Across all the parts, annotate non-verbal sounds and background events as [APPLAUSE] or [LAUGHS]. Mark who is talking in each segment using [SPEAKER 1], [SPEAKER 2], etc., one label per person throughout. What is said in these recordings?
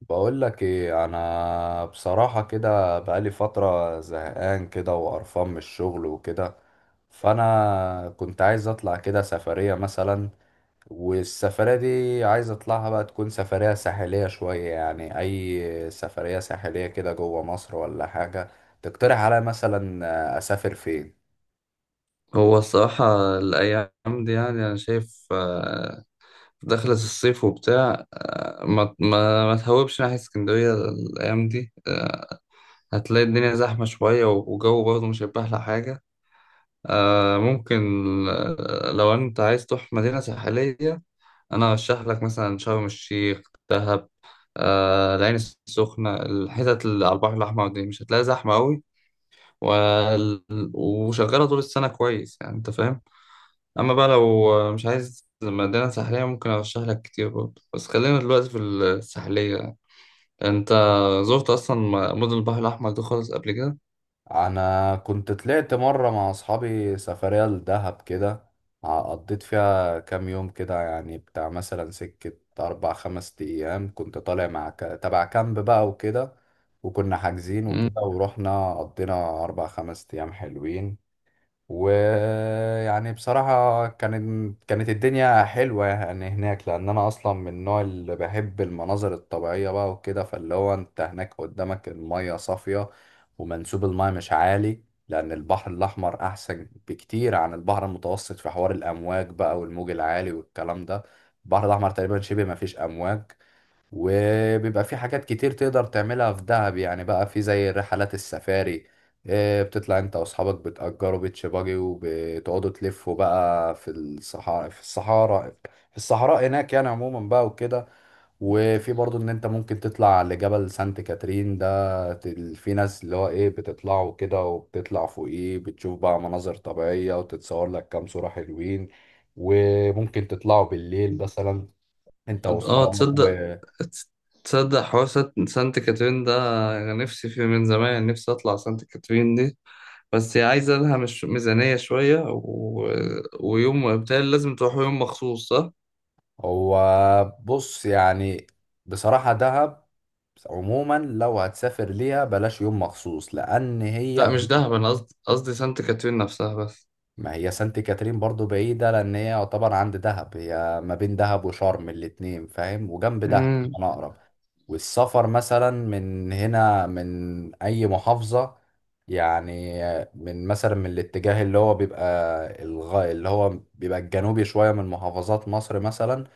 [SPEAKER 1] بقول لك ايه. انا بصراحة كده بقالي فترة زهقان كده وقرفان من الشغل وكده، فانا كنت عايز اطلع كده سفرية مثلا. والسفرية دي عايز اطلعها بقى تكون سفرية ساحلية شوية، يعني اي سفرية ساحلية كده جوه مصر ولا حاجة. تقترح عليا مثلا اسافر فين؟
[SPEAKER 2] هو الصراحة الأيام دي يعني أنا شايف، دخلت الصيف وبتاع. ما تهوبش ناحية اسكندرية الأيام دي. هتلاقي الدنيا زحمة شوية وجو برضه مش هيبقى أحلى حاجة. ممكن. لو أنت عايز تروح مدينة ساحلية، أنا أرشح لك مثلا شرم الشيخ، دهب. العين السخنة، الحتت اللي على البحر الأحمر دي مش هتلاقي زحمة أوي، وال- وشغالة طول السنة كويس، يعني أنت فاهم. اما بقى لو مش عايز مدينة ساحلية، ممكن ارشح لك كتير برضه، بس خلينا دلوقتي في الساحلية. انت زرت اصلا مدن البحر الاحمر ده خالص قبل كده؟
[SPEAKER 1] انا كنت طلعت مره مع اصحابي سفريه لدهب كده. قضيت فيها كام يوم كده، يعني بتاع مثلا سكه اربع خمس ايام. كنت طالع مع تبع كامب بقى وكده، وكنا حاجزين
[SPEAKER 2] مم.
[SPEAKER 1] وكده، ورحنا قضينا اربع خمس ايام حلوين. ويعني بصراحة كانت الدنيا حلوة يعني هناك، لأن أنا أصلا من النوع اللي بحب المناظر الطبيعية بقى وكده. فاللي هو أنت هناك قدامك المية صافية ومنسوب المية مش عالي، لأن البحر الأحمر أحسن بكتير عن البحر المتوسط في حوار الأمواج بقى والموج العالي والكلام ده. البحر الأحمر تقريبا شبه مفيش أمواج. وبيبقى في حاجات كتير تقدر تعملها في دهب، يعني بقى في زي رحلات السفاري. بتطلع انت واصحابك بتأجروا بيتش باجي وبتقعدوا تلفوا بقى في الصحراء، هناك يعني عموما بقى وكده. وفي برضو ان انت ممكن تطلع لجبل سانت كاترين ده. في ناس اللي هو ايه بتطلعوا كده، وبتطلع فوقيه بتشوف بقى مناظر طبيعية وتتصور لك كام صورة حلوين. وممكن تطلعوا بالليل مثلا انت الله
[SPEAKER 2] اه،
[SPEAKER 1] واصحابك.
[SPEAKER 2] تصدق حوار سانت كاترين ده. انا نفسي فيه من زمان، نفسي اطلع سانت كاترين دي، بس هي عايزة لها مش ميزانية شوية ويوم، بالتالي لازم تروحوا يوم مخصوص صح؟
[SPEAKER 1] هو بص يعني، بصراحة دهب عموما لو هتسافر ليها بلاش يوم مخصوص لأن هي
[SPEAKER 2] لا مش
[SPEAKER 1] بعيدة.
[SPEAKER 2] دهب، انا قصدي سانت كاترين نفسها بس.
[SPEAKER 1] ما هي سانت كاترين برضو بعيدة، لأن هي يعتبر عند دهب، هي ما بين دهب وشرم الاتنين فاهم، وجنب دهب
[SPEAKER 2] مم.
[SPEAKER 1] كمان أقرب. والسفر مثلا من هنا من أي محافظة، يعني من مثلا من الاتجاه اللي هو بيبقى اللي هو بيبقى الجنوبي شوية من محافظات مصر مثلا،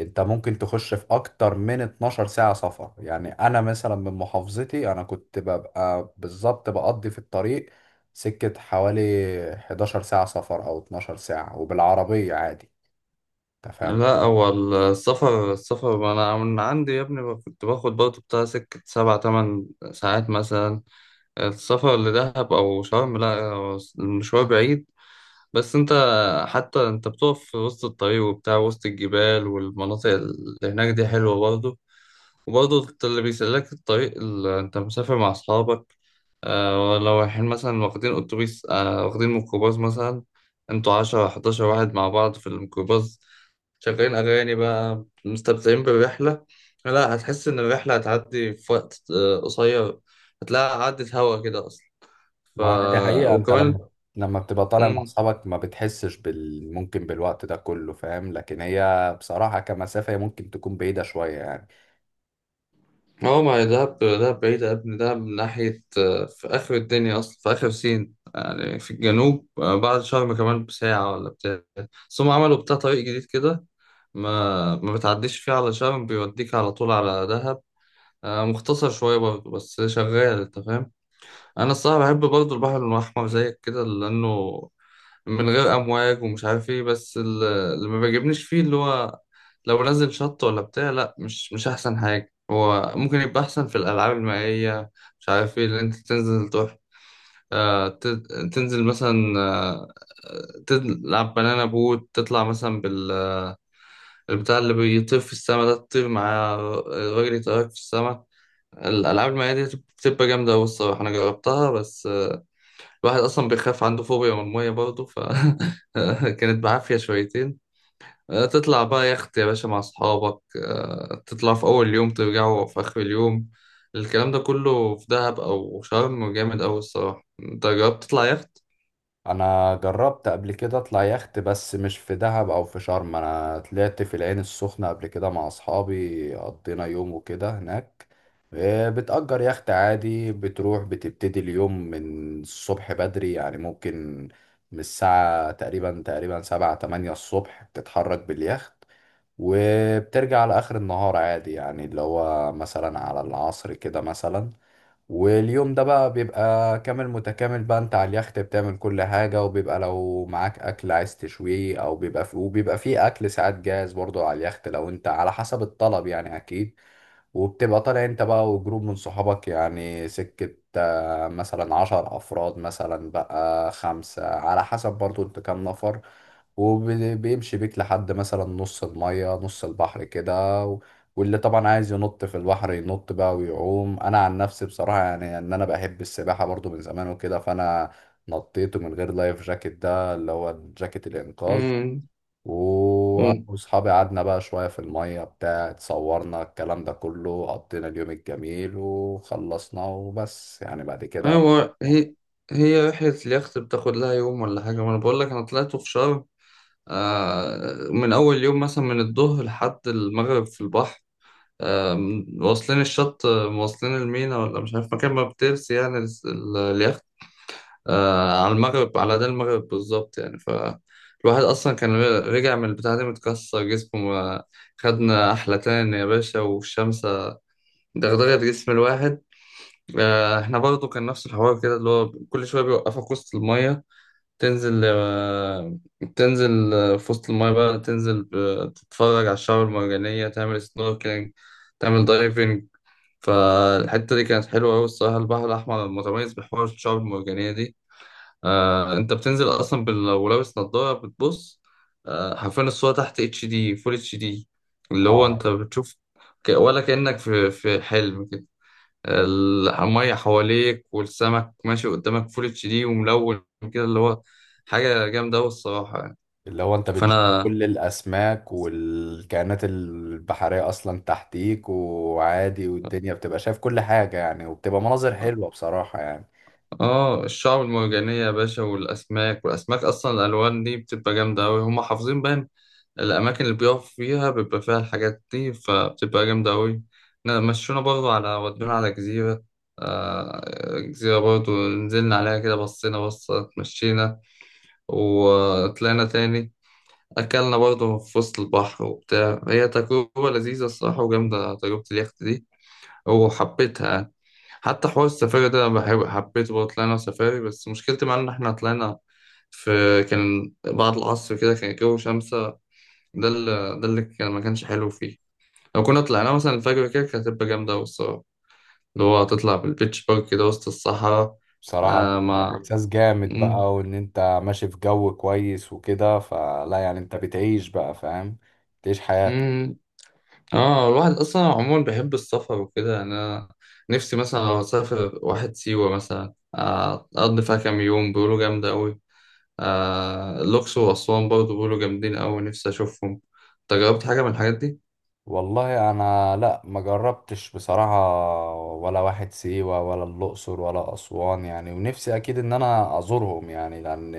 [SPEAKER 1] انت ممكن تخش في اكتر من 12 ساعة سفر. يعني انا مثلا من محافظتي انا كنت ببقى بالظبط بقضي في الطريق سكة حوالي 11 ساعة سفر أو 12 ساعة، وبالعربية عادي. أنت فاهم
[SPEAKER 2] لا،
[SPEAKER 1] قصدي؟
[SPEAKER 2] هو السفر انا من عندي يا ابني، كنت باخد برضه بتاع سكة 7 8 ساعات مثلا. السفر لدهب او شرم، لا هو المشوار بعيد. بس انت حتى انت بتقف في وسط الطريق وبتاع وسط الجبال والمناطق اللي هناك دي حلوة برضه. وبرضه اللي بيسلك الطريق اللي انت مسافر مع اصحابك. لو رايحين مثلا واخدين اتوبيس واخدين ميكروباص مثلا، انتوا 10 11 واحد مع بعض في الميكروباص، شغالين اغاني بقى، مستمتعين بالرحلة. لا، هتحس ان الرحلة هتعدي في وقت قصير، هتلاقيها عدت هوا كده اصلا. ف
[SPEAKER 1] ما هي دي حقيقة. أنت
[SPEAKER 2] وكمان
[SPEAKER 1] لما لما بتبقى طالع مع
[SPEAKER 2] مم.
[SPEAKER 1] أصحابك ما بتحسش ممكن بالوقت ده كله فاهم، لكن هي بصراحة كمسافة هي ممكن تكون بعيدة شوية يعني.
[SPEAKER 2] هو ما هي دهب دهب بعيدة يا ابني، دهب من ناحية، في آخر الدنيا أصلا، في آخر سين يعني، في الجنوب. بعد شرم كمان بساعة ولا بتاع. بس هم عملوا بتاع طريق جديد كده، ما بتعديش فيه على شرم، بيوديك على طول على دهب. مختصر شوية برضه بس شغال، أنت فاهم. أنا الصراحة بحب برضه البحر الأحمر زيك كده، لأنه من غير امواج ومش عارف ايه، بس اللي ما بيعجبنيش فيه اللي هو لو نزل شط ولا بتاع، لا مش احسن حاجه، هو ممكن يبقى احسن في الالعاب المائيه. مش عارف ايه اللي انت تنزل تروح. آه، ت- تنزل مثلا، تلعب بنانا بوت، تطلع مثلا بالبتاع اللي بيطير في السما ده، تطير مع الراجل، يطيرك في السما. الألعاب المائية دي بتبقى جامدة أوي الصراحة، أنا جربتها، بس الواحد اصلا بيخاف، عنده فوبيا من الميه برضه، كانت [LAUGHS] بعافيه شويتين. تطلع بقى يخت يا باشا مع اصحابك، تطلع في اول يوم، ترجعوا في اخر اليوم. الكلام ده كله في دهب او شرم جامد اوي الصراحه. انت جربت تطلع يخت؟
[SPEAKER 1] انا جربت قبل كده اطلع يخت، بس مش في دهب او في شرم. انا طلعت في العين السخنة قبل كده مع اصحابي، قضينا يوم وكده هناك. إيه، بتأجر يخت عادي، بتروح بتبتدي اليوم من الصبح بدري، يعني ممكن من الساعة تقريبا سبعة تمانية الصبح بتتحرك باليخت، وبترجع على آخر النهار عادي، يعني اللي هو مثلا على العصر كده مثلا. واليوم ده بقى بيبقى كامل متكامل بقى، انت على اليخت بتعمل كل حاجة، وبيبقى لو معاك أكل عايز تشويه، أو بيبقى في وبيبقى فيه أكل ساعات جاهز برضه على اليخت، لو انت على حسب الطلب يعني أكيد. وبتبقى طالع انت بقى وجروب من صحابك، يعني سكة مثلا عشر أفراد مثلا بقى، خمسة، على حسب برضه انت كام نفر. وبيمشي بيك لحد مثلا نص المية نص البحر كده، واللي طبعا عايز ينط في البحر ينط بقى ويعوم. انا عن نفسي بصراحه يعني ان انا بحب السباحه برضو من زمان وكده، فانا نطيت من غير لايف جاكيت ده اللي هو جاكيت الانقاذ.
[SPEAKER 2] امم.
[SPEAKER 1] وانا
[SPEAKER 2] أم.
[SPEAKER 1] واصحابي قعدنا بقى شويه في الميه بتاع، اتصورنا الكلام ده كله، قضينا اليوم الجميل وخلصنا وبس يعني بعد كده.
[SPEAKER 2] ايوه، هي هي رحله اليخت بتاخد لها يوم ولا حاجه. ما انا بقول لك، انا طلعته في شرم. من اول يوم مثلا من الظهر لحد المغرب في البحر، واصلين الشط، واصلين المينا ولا مش عارف مكان ما بترسي يعني، اليخت، على المغرب، على ده المغرب بالظبط يعني. فالواحد أصلا كان رجع من البتاع دي متكسر جسمه. خدنا أحلتان يا باشا، والشمس دغدغت جسم الواحد. احنا برضو كان نفس الحوار كده، اللي هو كل شوية بيوقفك وسط المية، تنزل، تنزل في وسط المية بقى، تنزل تتفرج على الشعاب المرجانية، تعمل سنوركلينج، تعمل دايفنج. فالحتة دي كانت حلوة أوي الصراحة، البحر الأحمر متميز بحوار الشعاب المرجانية دي. أنت بتنزل أصلا لو لابس نضارة بتبص، حرفيا الصورة تحت اتش دي، فول اتش دي، اللي هو
[SPEAKER 1] اه،
[SPEAKER 2] أنت بتشوف ولا كأنك في حلم كده، المية حواليك، والسمك ماشي قدامك، فول اتش دي، وملون كده، اللي هو حاجة جامدة أوي الصراحة يعني.
[SPEAKER 1] اللي هو انت بتشوف
[SPEAKER 2] فأنا
[SPEAKER 1] كل الاسماك والكائنات البحرية اصلا تحتيك وعادي، والدنيا بتبقى شايف كل حاجة يعني، وبتبقى مناظر حلوة بصراحة يعني.
[SPEAKER 2] اه، الشعاب المرجانية يا باشا، والأسماك أصلا، الألوان دي بتبقى جامدة أوي، هما حافظين بقى الأماكن اللي بيقف فيها بيبقى فيها الحاجات دي، فبتبقى جامدة أوي. مشونا برضو على، ودونا على جزيرة، آه، جزيرة برضو نزلنا عليها كده، بصينا بصة، اتمشينا، وطلعنا تاني. أكلنا برضو في وسط البحر وبتاع، هي تجربة لذيذة الصراحة، وجامدة تجربة اليخت دي، وحبيتها يعني. حتى حوار السفاري ده أنا بحب، حبيته برضه، طلعنا سفاري، بس مشكلتي معاه إن إحنا طلعنا في كان بعد العصر كده، كان الجو شمس، ده اللي ده اللي كان ما كانش حلو فيه. لو كنا طلعنا مثلا الفجر كده، كانت هتبقى جامدة أوي الصراحة، اللي هو هتطلع بالبيتش بارك كده وسط الصحراء.
[SPEAKER 1] بصراحة
[SPEAKER 2] آه
[SPEAKER 1] بيبقى
[SPEAKER 2] مع
[SPEAKER 1] احساس جامد
[SPEAKER 2] مم.
[SPEAKER 1] بقى، وان انت ماشي في جو كويس وكده، فلا يعني انت بتعيش بقى فاهم، بتعيش حياتك.
[SPEAKER 2] مم. اه، الواحد أصلا عموما بيحب السفر وكده، يعني أنا نفسي مثلا لو أسافر واحد سيوة مثلا، أقضي فيها كام يوم، بيقولوا جامدة أوي. الأقصر وأسوان برضه بيقولوا جامدين أوي، نفسي أشوفهم. أنت جربت حاجة من الحاجات دي؟
[SPEAKER 1] والله انا لا ما جربتش بصراحة ولا واحد سيوة ولا الأقصر ولا أسوان يعني. ونفسي اكيد ان انا ازورهم يعني، لان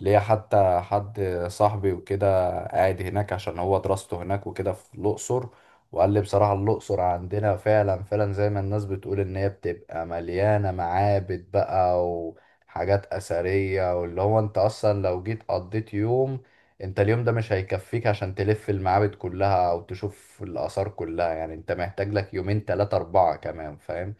[SPEAKER 1] ليا حتى حد صاحبي وكده قاعد هناك عشان هو دراسته هناك وكده في الأقصر، وقال لي بصراحة الأقصر عندنا فعلا زي ما الناس بتقول ان هي بتبقى مليانة معابد بقى وحاجات أثرية. واللي هو انت اصلا لو جيت قضيت يوم، انت اليوم ده مش هيكفيك عشان تلف المعابد كلها او تشوف الاثار كلها، يعني انت محتاج لك يومين تلاتة اربعة كمان فاهم.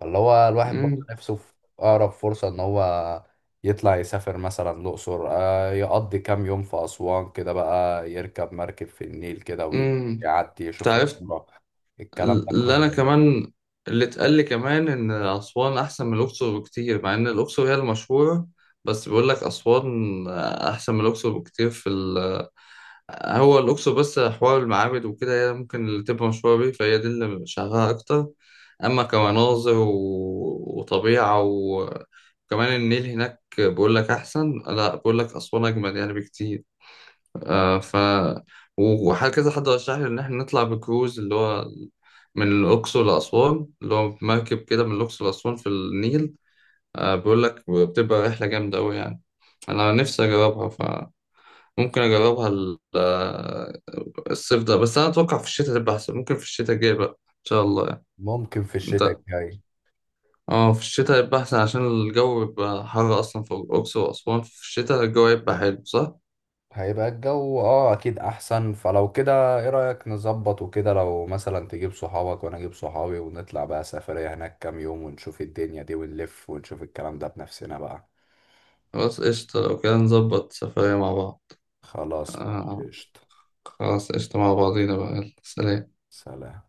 [SPEAKER 1] فاللي هو الواحد برضه
[SPEAKER 2] مم.
[SPEAKER 1] نفسه في اقرب فرصة ان هو يطلع يسافر مثلا الاقصر، يقضي كام يوم في اسوان كده بقى، يركب مركب في النيل كده
[SPEAKER 2] مم.
[SPEAKER 1] ويعدي يشوف
[SPEAKER 2] تعرفت
[SPEAKER 1] الكرة، الكلام ده
[SPEAKER 2] اللي
[SPEAKER 1] كله
[SPEAKER 2] انا
[SPEAKER 1] يعني.
[SPEAKER 2] كمان اللي اتقال لي كمان ان اسوان احسن من الاقصر بكتير، مع ان الاقصر هي المشهوره، بس بيقول لك اسوان احسن من الاقصر بكتير هو الاقصر بس حوار المعابد وكده، هي ممكن اللي تبقى مشهوره بيه، فهي دي اللي شغاله اكتر. اما كمناظر وطبيعه وكمان النيل هناك، بيقول لك احسن، لا بيقول لك اسوان اجمل يعني بكتير. آه ف وهكذا حد رشح لي ان احنا نطلع بكروز اللي هو من الاقصر لاسوان، اللي هو مركب كده من الاقصر لاسوان في النيل. بيقول لك بتبقى رحله جامده قوي يعني، انا نفسي اجربها، فممكن اجربها الصيف ده، بس انا اتوقع في الشتاء تبقى احسن، ممكن في الشتاء الجاي بقى ان شاء الله يعني.
[SPEAKER 1] ممكن في الشتاء
[SPEAKER 2] انت
[SPEAKER 1] الجاي
[SPEAKER 2] اه، في الشتاء يبقى احسن عشان الجو بيبقى حر اصلا في الاقصر واسوان، في الشتاء الجو يبقى حلو، صح.
[SPEAKER 1] هيبقى الجو اه اكيد احسن. فلو كده ايه رأيك نظبط وكده، لو مثلا تجيب صحابك وانا اجيب صحابي، ونطلع بقى سفرية هناك كام يوم، ونشوف الدنيا دي ونلف ونشوف الكلام ده بنفسنا بقى.
[SPEAKER 2] خلاص قشطة، لو كده نظبط سفرية مع بعض.
[SPEAKER 1] خلاص ماشي،
[SPEAKER 2] آه،
[SPEAKER 1] قشطة.
[SPEAKER 2] خلاص قشطة مع بعضينا بقى، يلا، سلام.
[SPEAKER 1] سلام.